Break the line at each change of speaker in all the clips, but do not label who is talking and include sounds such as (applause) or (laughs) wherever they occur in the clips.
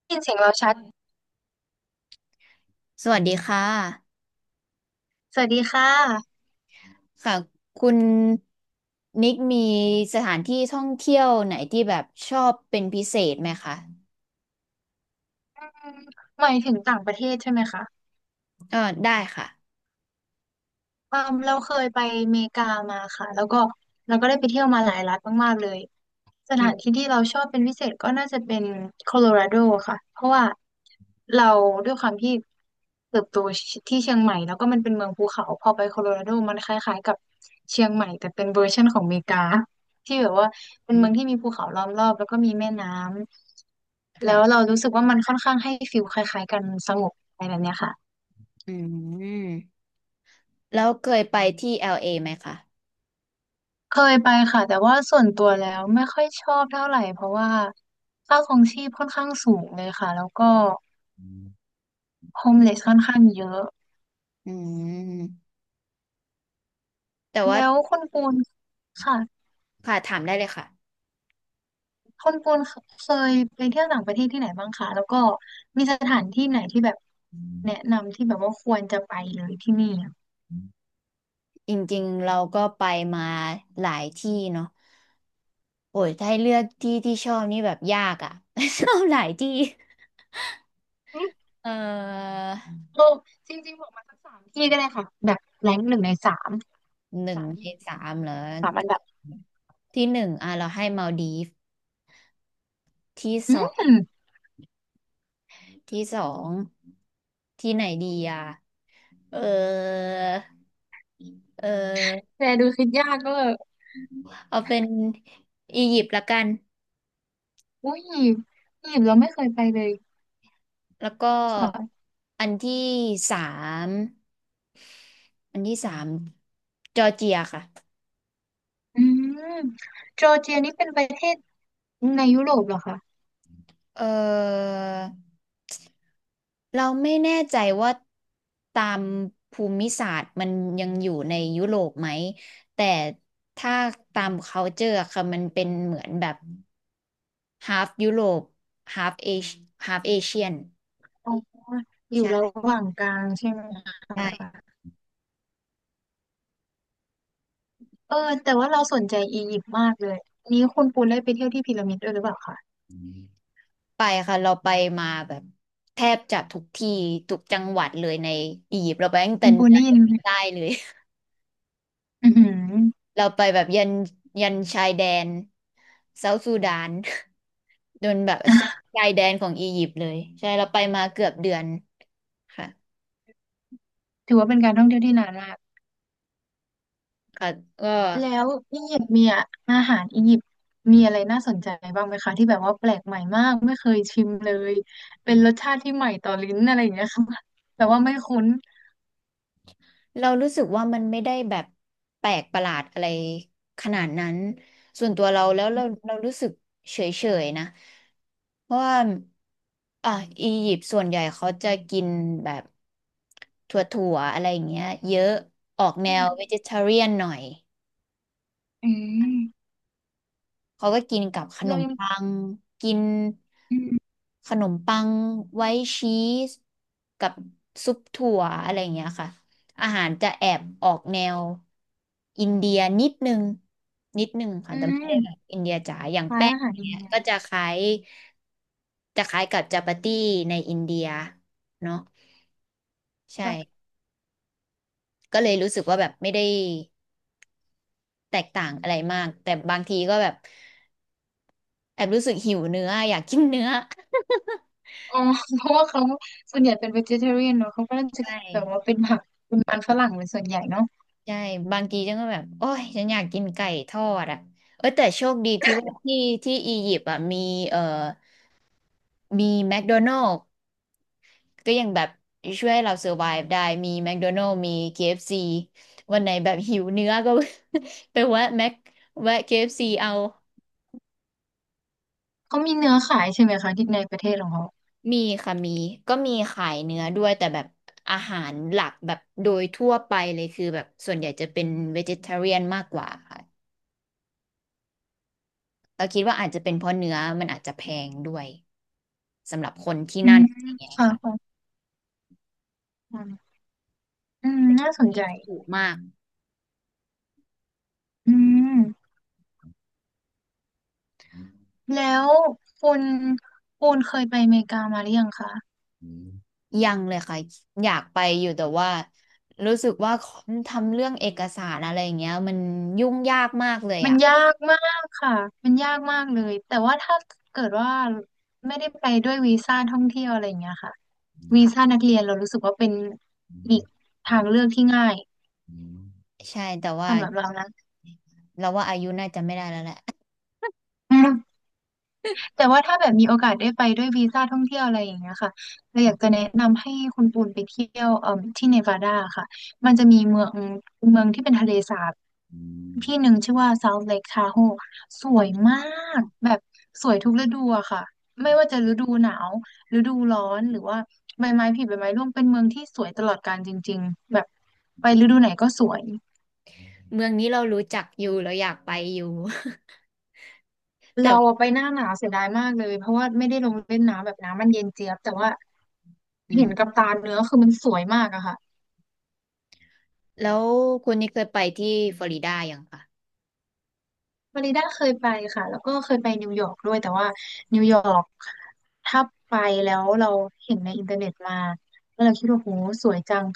ได้ยินเสียงเราชัด
สวัสดีค่ะ
สวัสดีค่ะ
ค่ะคุณนิกมีสถานที่ท่องเที่ยวไหนที่แบบชอบเป็นพิเศษไหมคะ
อืมหมายถึงต่างประเทศใช่ไหมคะ
เออได้ค่ะ
เออเราเคยไปอเมริกามาค่ะแล้วก็เราก็ได้ไปเที่ยวมาหลายรัฐมากๆเลยส
อื
ถานที่
ม
ที่เราชอบเป็นพิเศษก็น่าจะเป็นโคโลราโดค่ะเพราะว่าเราด้วยความที่เติบโตที่เชียงใหม่แล้วก็มันเป็นเมืองภูเขาพอไปโคโลราโดมันคล้ายๆกับเชียงใหม่แต่เป็นเวอร์ชันของอเมริกาที่แบบว่าเป็นเมืองที่มีภูเขาล้อมรอบแล้วก็มีแม่น้ำแล้วเรา
ค่ะ
รู้สึกว่ามันค่อนข้างให้ฟีลคล้ายๆกันสงบอะไรแบบเนี้ยค่ะ
อืมแล้วเคยไปที่ LA ไหมคะ
เคยไปค่ะแต่ว่าส่วนตัวแล้วไม่ค่อยชอบเท่าไหร่เพราะว่าค่าครองชีพค่อนข้างสูงเลยค่ะแล้วก็โฮมเลสค่อนข้างเยอะ
อืมแต่ว่า
แล้วคุณปูนค่ะ
ค่ะถามได้เลยค่ะ
คุณปูนเคยไปเที่ยวต่างประเทศที่ไหนบ้างคะแล้วก็มีสถานที่ไหนที่แบบแนะนำที่แบบว่าควรจะไปเลยที่นี่อะ
จริงๆเราก็ไปมาหลายที่เนาะโอ้ยถ้าให้เลือกที่ที่ชอบนี่แบบยากอ่ะ (laughs) ชอบหลายที่
อืม
เออ
โอ้จริงๆบอกมาสักสามที่ก็ได้ค่ะแบบแรงหนึ่งในสาม
หนึ่ง
สาม
ใน
ที่
สามเหรอ
สามอันดับ
ที่หนึ่งอ่ะเราให้มัลดีฟที่ส
อื
อง
ม
ที่สองที่ไหนดีอ่ะเออเออ
แต่ดูคิดยากก็
เอาเป็นอียิปต์ละกัน
อุ้ยอียิปต์เราไม่เคยไปเลย
แล้วก็
ค่ะ
อันที่สามอันที่สามจอร์เจียค่ะ
อืม จอร์เจียนี่เป็นประเทศในยุโรปเหรอคะ
เออเราไม่แน่ใจว่าตามภูมิศาสตร์มันยังอยู่ในยุโรปไหมแต่ถ้าตาม culture อะค่ะมันเป็นเหมือนแบบ half ยุโรป half Asia half Asian
อ๋ออยู่ระ
ใช่
หว่างกลางใช่ไหมคะ
ใช่
เออแต่ว่าเราสนใจอียิปต์มากเลยนี้คุณปูนได้ไปเที่ยวที่พีระมิดด้วยหรือเปล่าคะ
ไปค่ะเราไปมาแบบแทบจะทุกที่ทุกจังหวัดเลยในอียิปต์เราไปตั้ง
คุ
แต่
ณ
เห
ปู
นื
น
อ
ได้
จ
ยินไหม
นใต้เลย
อือหือ
(laughs) เราไปแบบยันชายแดนเซาท์ซูดาน โดนแบบชายแดนของอียิปต์เลยใช่เราไปมาเกือบเดือนค่ะ
ถือว่าเป็นการท่องเที่ยวที่นานมาก
ค่ะก็
แล้วอียิปต์มีอะอาหารอียิปต์มีอะไรน่าสนใจบ้างไหมคะที่แบบว่าแปลกใหม่มากไม่เคยชิมเลยเป็นรสชาติที่ใหม่ต่อลิ้นอะไรอย่างเงี้ยค่ะแต่ว่าไม่คุ้น
เรารู้สึกว่ามันไม่ได้แบบแปลกประหลาดอะไรขนาดนั้นส่วนตัวเราแล้วเรารู้สึกเฉยๆนะเพราะว่าอ่ะอียิปต์ส่วนใหญ่เขาจะกินแบบถั่วๆอะไรอย่างเงี้ยเยอะออกแน
อื
ว
ม
vegetarian หน่อย
อืม
เขาก็กินกับขน
เรา
ม
ยัง
ปังกิน
อืม
ขนมปังไว้ชีสกับซุปถั่วอะไรอย่างเงี้ยค่ะอาหารจะแอบออกแนวอินเดียนิดนึงค่ะ
อื
แต่ไม่ได้แบบ
ม
อินเดียจ๋าอย่าง
คล้าย
แป้ง
อาหา
อ
ร
ย่าง
อิน
เงี้ย
เดีย
ก็จะคล้ายจะคล้ายกับจาปาตี้ในอินเดียเนาะ
แบบ
ใช่ก็เลยรู้สึกว่าแบบไม่ได้แตกต่างอะไรมากแต่บางทีก็แบบแอบรู้สึกหิวเนื้ออยากกินเนื้อ
อ๋อ (laughs) เพราะว่าเขาส่วนใหญ่เป็น vegetarian เนอะเขาก็จะ
ใช่
แบบว่าเป็นผักเป็นมันฝรั่งเป็นส่วนใหญ่เนาะ
ใช่บางทีฉันก็แบบโอ้ยฉันอยากกินไก่ทอดอ่ะเออแต่โชคดีที่ว่าที่ที่อียิปต์อ่ะมีเอ่อมีแมคโดนัล s ก็ยังแบบช่วยให้เราเซอร์ไ v e ได้มีแมคโดนัล s มี KFC วันไหนแบบหิวเนื้อก็ (laughs) ไปแวะแมคแวะ KFC เอฟซีเอา
เขามีเนื้อขายใช่ไหมคะที่ในประเทศของเขา
มีค่ะมีก็มีขายเนื้อด้วยแต่แบบอาหารหลักแบบโดยทั่วไปเลยคือแบบส่วนใหญ่จะเป็น vegetarian มากกว่าค่ะ เราคิดว่าอาจจะเป็นเพราะเนื้อมันอาจจะแพงด้วยสำหรับคนที่
อื
นั่น
ม
อย่างเงี้ย
ค่ะ
ค่ะ
ค่ะอืมน่าสน
คิ
ใจ
ดถูกมาก
อืมแล้วคุณคุณเคยไปอเมริกามาหรือยังคะ
ยังเลยค่ะอยากไปอยู่แต่ว่ารู้สึกว่าทำเรื่องเอกสารอะไรอย่างเงี้ยมันยุ่งยากมากเลย
มัน
อ่ะ
ยากมากค่ะ มันยากมากเลย แต่ว่าถ้าเกิดว่าไม่ได้ไปด้วยวีซ่าท่องเที่ยวอะไรอย่างเงี้ยค่ะ
อ
วี
ค่ะ
ซ่านักเรียนเรารู้สึกว่าเป็นอีกทางเลือกที่ง่าย
ใช่แต่ว่า
สำหรับเรานะ
เราว่าอายุน่าจะไม่ได้แล้วแหละ
แต่ว่าถ้าแบบมีโอกาสได้ไปด้วยวีซ่าท่องเที่ยวอะไรอย่างเงี้ยค่ะ เราอยากจะ
(laughs)
แนะนำให้คุณปูนไปเที่ยวที่เนวาดาค่ะ มันจะมีเมืองที่เป็นทะเลสาบที่หนึ่งชื่อว่า South Lake Tahoe สวยมากแบบสวยทุกฤดูอะค่ะ ไม่ว่าจะฤดูหนาวฤดูร้อนหรือว่าใบไม้ผลิใบไม้ร่วงเป็นเมืองที่สวยตลอดกาลจริงๆแบบไปฤดูไหนก็สวย
เมืองนี้เรารู้จักอยู่เราอยากไปอยู่ (laughs) แต่
เรา
ว่า
อะไปหน้าหนาวเสียดายมากเลยเพราะว่าไม่ได้ลงเล่นน้ำแบบน้ำมันเย็นเจี๊ยบแต่ว่า
อืม
เห็นกับตาเนื้อคือมันสวยมากอะค่ะ
แล้วคุณนี่เคยไปที่ฟลอริดายังคะ
ฟลอริดาเคยไปค่ะแล้วก็เคยไปนิวยอร์กด้วยแต่ว่านิวยอร์กถ้าไปแล้วเราเห็นในอินเทอร์เน็ตมาแล้วเราคิดว่าโหสวยจัง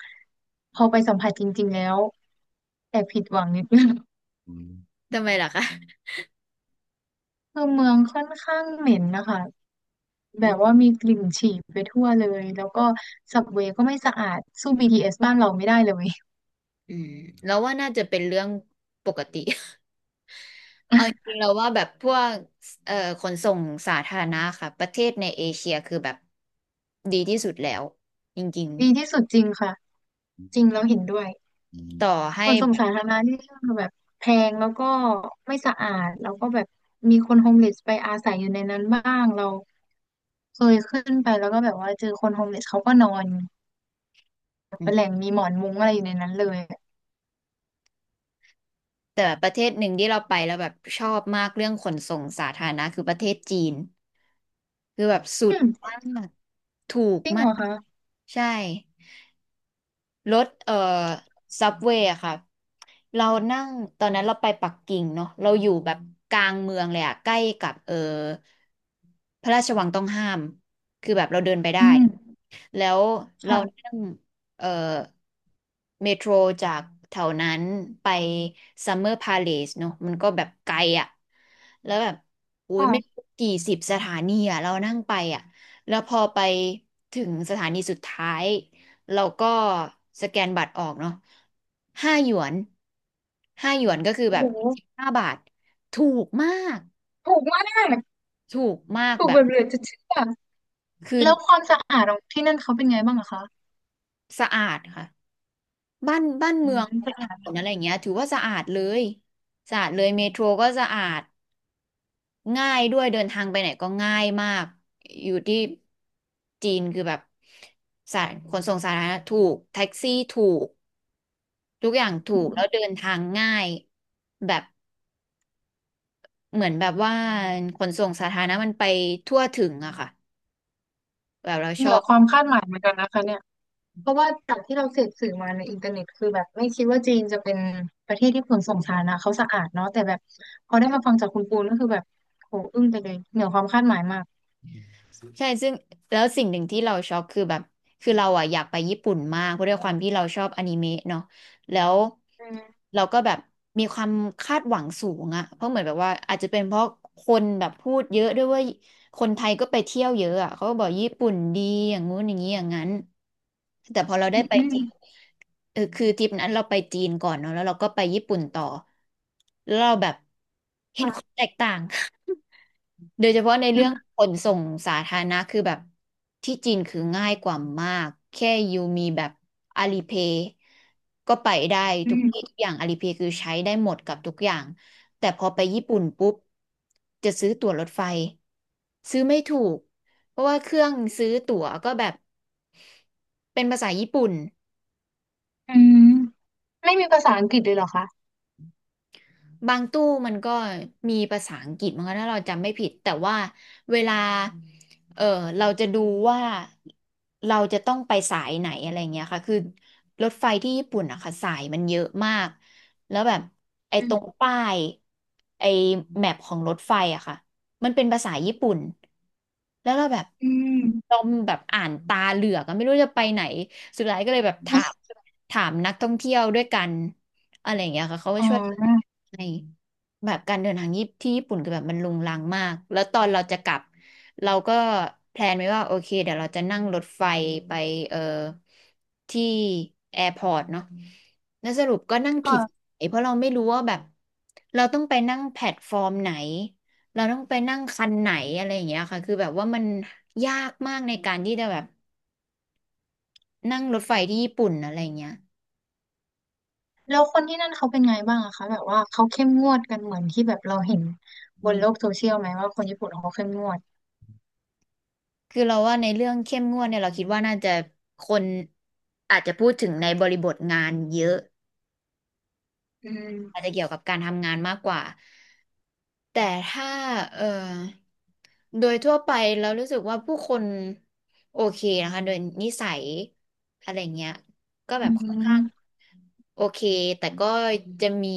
พอไปสัมผัสจริงๆแล้วแอบผิดหวังนิดนึง
ทำไมล่ะคะ
คือเมืองค่อนข้างเหม็นนะคะ
อื
แบ
ม
บว่ามีกลิ่นฉี่ไปทั่วเลยแล้วก็สับเวย์ก็ไม่สะอาดสู้ BTS บ้านเราไม่ได้เลย
อืมแล้วว่าน่าจะเป็นเรื่องปกติ เอาจริงๆเราว่าแบบพวกเอ่อขนส่งสาธารณะค่ะประเทศในเอเชียคือแบบดีที่สุดแล้วจริง
ดีที่สุดจริงค่ะจริงแล้วเห็นด้วย
ๆต่อให้
ขนส่
แบ
ง
บ
สาธารณะที่แบบแพงแล้วก็ไม่สะอาดแล้วก็แบบมีคนโฮมเลสไปอาศัยอยู่ในนั้นบ้างเราเคยขึ้นไปแล้วก็แบบว่าเจอคนโฮมเลสเขาก็นอน
อื
เป็นแห
ม
ล่งมีหมอนมุ้งอะไรอยู่ในนั้นเลย
แต่ประเทศหนึ่งที่เราไปแล้วแบบชอบมากเรื่องขนส่งสาธารณะคือประเทศจีนคือแบบสุ
อื
ด
ม
มากถูก
จริง
มา
เหร
ก
อคะ
ใช่ รถซับเวย์อะค่ะเรานั่งตอนนั้นเราไปปักกิ่งเนาะเราอยู่แบบกลางเมืองเลยอะใกล้กับพระราชวังต้องห้ามคือแบบเราเดินไปได้
อืม
แล้วเรา
ค่ะ
นั่งเอ่อเมโทรจากแถวนั้นไปซัมเมอร์พาเลสเนอะมันก็แบบไกลอ่ะแล้วแบบอุ้ยไม่
ค่ะ
รู้กี่สิบสถานีอ่ะเรานั่งไปอ่ะแล้วพอไปถึงสถานีสุดท้ายเราก็สแกนบัตรออกเนาะห้าหยวนห้าหยวนก็คือ
โอ้
แบบ
โห
15 บาทถูกมาก
ถูกมากถูก
แบ
แบ
บ
บเหลือจะเชื่อ
คือ
แล้วความสะอาดของที่นั่นเขาเป็นไงบ้างอะคะ
สะอาดค่ะ บ้าน
อื
เมือ
ม
ง
สะ
ถ
อาด
น
เล
นอะ
ย
ไรอย่างเงี้ยถือว่าสะอาดเลยสะอาดเลยเมโทรก็สะอาดง่ายด้วยเดินทางไปไหนก็ง่ายมากอยู่ที่จีนคือแบบสาขนส่งสาธารณะถูกแท็กซี่ถูกทุกอย่างถูกแล้วเดินทางง่ายแบบเหมือนแบบว่าขนส่งสาธารณะมันไปทั่วถึงอะค่ะแบบเราช
เหนื
อ
อ
บ
ความคาดหมายเหมือนกันนะคะเนี่ย เพราะว่าจากที่เราเสพสื่อมาในอินเทอร์เน็ตคือแบบไม่คิดว่าจีนจะเป็นประเทศที่ขนส่งสาธารณะเขาสะอาดเนาะแต่แบบพอได้มาฟังจากคุณปูนก็คือแบบโหอึ้งไปเลยเหนือความคาดหมายมาก
ใช่ซึ่งแล้วสิ่งหนึ่งที่เราช็อกคือแบบคือเราอ่ะอยากไปญี่ปุ่นมากเพราะด้วยความที่เราชอบอนิเมะเนาะแล้ว
อืม
เราก็แบบมีความคาดหวังสูงอะเพราะเหมือนแบบว่าอาจจะเป็นเพราะคนแบบพูดเยอะด้วยว่าคนไทยก็ไปเที่ยวเยอะอะเขาก็บอกญี่ปุ่นดีอย่างงู้นอย่างนี้อย่างนั้นแต่พอเราได้ไป
อื
จ
ม
ริงเออคือทริปนั้นเราไปจีนก่อนเนาะแล้วเราก็ไปญี่ปุ่นต่อแล้วเราแบบเห็น
ค่ะ
ความแตกต่าง โดยเฉพาะในเรื่อง
อื
ขนส่งสาธารณะคือแบบที่จีนคือง่ายกว่ามากแค่ยูมีแบบอาลีเพย์ก็ไปได้ทุกที่
ม
ทุกอย่างอาลีเพย์คือใช้ได้หมดกับทุกอย่างแต่พอไปญี่ปุ่นปุ๊บจะซื้อตั๋วรถไฟซื้อไม่ถูกเพราะว่าเครื่องซื้อตั๋วก็แบบเป็นภาษาญี่ปุ่น
อืมไม่มีภาษาอังกฤษเลยเหรอคะ
บางตู้มันก็มีภาษาอังกฤษมั้งคะถ้าเราจำไม่ผิดแต่ว่าเวลาเออเราจะดูว่าเราจะต้องไปสายไหนอะไรเงี้ยค่ะคือรถไฟที่ญี่ปุ่นอะค่ะสายมันเยอะมากแล้วแบบไอ้
อื
ตรง
ม
ป้ายไอ้แมปของรถไฟอะค่ะมันเป็นภาษาญี่ปุ่นแล้วเราแบบ
อื
เรา
ม
อ่านตาเหลือกอะไม่รู้จะไปไหนสุดท้ายก็เลยแบบถามนักท่องเที่ยวด้วยกัน อะไรอย่างเงี้ยค่ะเขาก็
อ๋
ช่วย
อ
ในแบบการเดินทางญี่ปุ่นที่ญี่ปุ่นคือแบบมันรุงรังมากแล้วตอนเราจะกลับเราก็แพลนไว้ว่าโอเคเดี๋ยวเราจะนั่งรถไฟไปเอ่อที่แอร์พอร์ตเนาะแล้วสรุปก็นั่ง
ก็
ผิดสายเพราะเราไม่รู้ว่าแบบเราต้องไปนั่งแพลตฟอร์มไหนเราต้องไปนั่งคันไหนอะไรอย่างเงี้ยค่ะคือแบบว่ามันยากมากในการที่จะแบบนั่งรถไฟที่ญี่ปุ่นอะไรอย่างเงี้ย
แล้วคนที่นั่นเขาเป็นไงบ้างอะคะแบบว่าเขาเข้มงวดกันเหมือนที่แบบเราเห็นบนโลกโซเชียลไหมว่าคนญี่ปุ่นเขาเข้มงวด
คือเราว่าในเรื่องเข้มงวดเนี่ยเราคิดว่าน่าจะคนอาจจะพูดถึงในบริบทงานเยอะ
อืม
อาจจะเกี่ยวกับการทำงานมากกว่าแต่ถ้าเอ่อโดยทั่วไปเรารู้สึกว่าผู้คนโอเคนะคะโดยนิสัยอะไรเงี้ยก็แบ
อื
บค่อนข้าง
ม
โอเค แต่ก็จะมี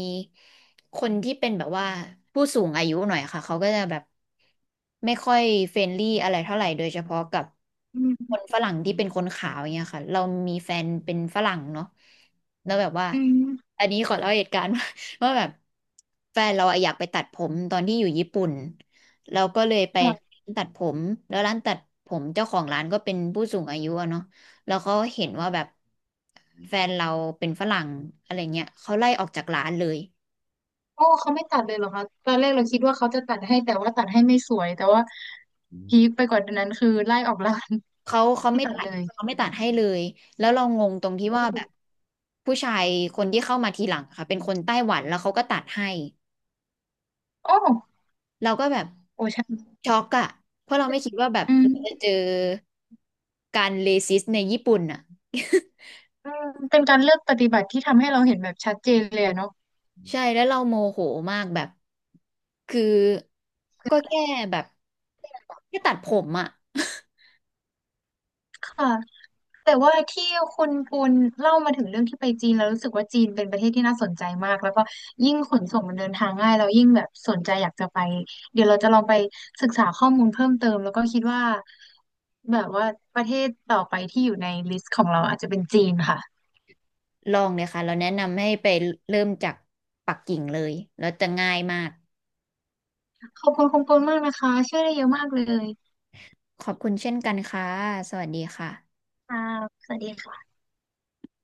คนที่เป็นแบบว่าผู้สูงอายุหน่อยค่ะเขาก็จะแบบไม่ค่อยเฟรนลี่อะไรเท่าไหร่โดยเฉพาะกับ
อื
คน
ม
ฝรั่งที่เป็นคนขาวอย่างเงี้ยค่ะเรามีแฟนเป็นฝรั่งเนาะแล้วแบบว่า
อืม
อันนี้ขอเล่าเหตุการณ์ (laughs) ว่าแบบแฟนเราอะอยากไปตัดผมตอนที่อยู่ญี่ปุ่นเราก็เลยไป
ค่ะ
ตัดผมแล้วร้านตัดผมเจ้าของร้านก็เป็นผู้สูงอายุอะเนาะ แล้วเขาเห็นว่าแบบแฟนเราเป็นฝรั่งอะไรเงี้ยเขาไล่ออกจากร้านเลย
โอ้ เขาไม่ตัดเลยเหรอคะตอนแรกเราคิดว่าเขาจะตัดให้แต่ว่าตัดให้ไม่สวยแต่ว่าพีคไปกว่านั้นคือไล่ออกร้าน
เขา
(laughs) ไม่
ไม่
ตัด
ตั
เล
ด
ย
เขาไม่ตัดให้เลยแล้วเรางงตรงที่
โอ
ว่าแบบ
้
ผู้ชายคนที่เข้ามาทีหลังค่ะเป็นคนไต้หวันแล้วเขาก็ตัดให้
โอ้
เราก็แบบ
โอ้ใช่
ช็อกอะเพราะเราไม่คิดว่าแบบ
อื
เรา
ม
จะเจอการเลซิสในญี่ปุ่นอะ
อืมเป็นการเลือกปฏิบัติที่ทำให้เราเห็นแบบชัดเจนเลยอะเนาะ
(laughs) ใช่แล้วเราโมโหมากแบบคือก็แค่แบบแค่ตัดผมอะ
ค่ะ แต่ว่าที่คุณปุณเล่ามาถึงเรื่องที่ไปจีนแล้วรู้สึกว่าจีนเป็นประเทศที่น่าสนใจมากแล้วก็ยิ่งขนส่งมันเดินทางง่ายเรายิ่งแบบสนใจอยากจะไปเดี๋ยวเราจะลองไปศึกษาข้อมูลเพิ่มเติมแล้วก็คิดว่าแบบว่าประเทศต่อไปที่อยู่ในลิสต์ของเราอาจจะเป็นจีนค่ะ
ลองเลยค่ะเราแนะนำให้ไปเริ่มจากปักกิ่งเลยแล้วจะง่ายมาก
ขอบคุณคุณปุณมากนะคะช่วยได้เยอะมากเลย
ขอบคุณเช่นกันค่ะสวัสดีค่ะ
ค่ะสวัสดีค่ะ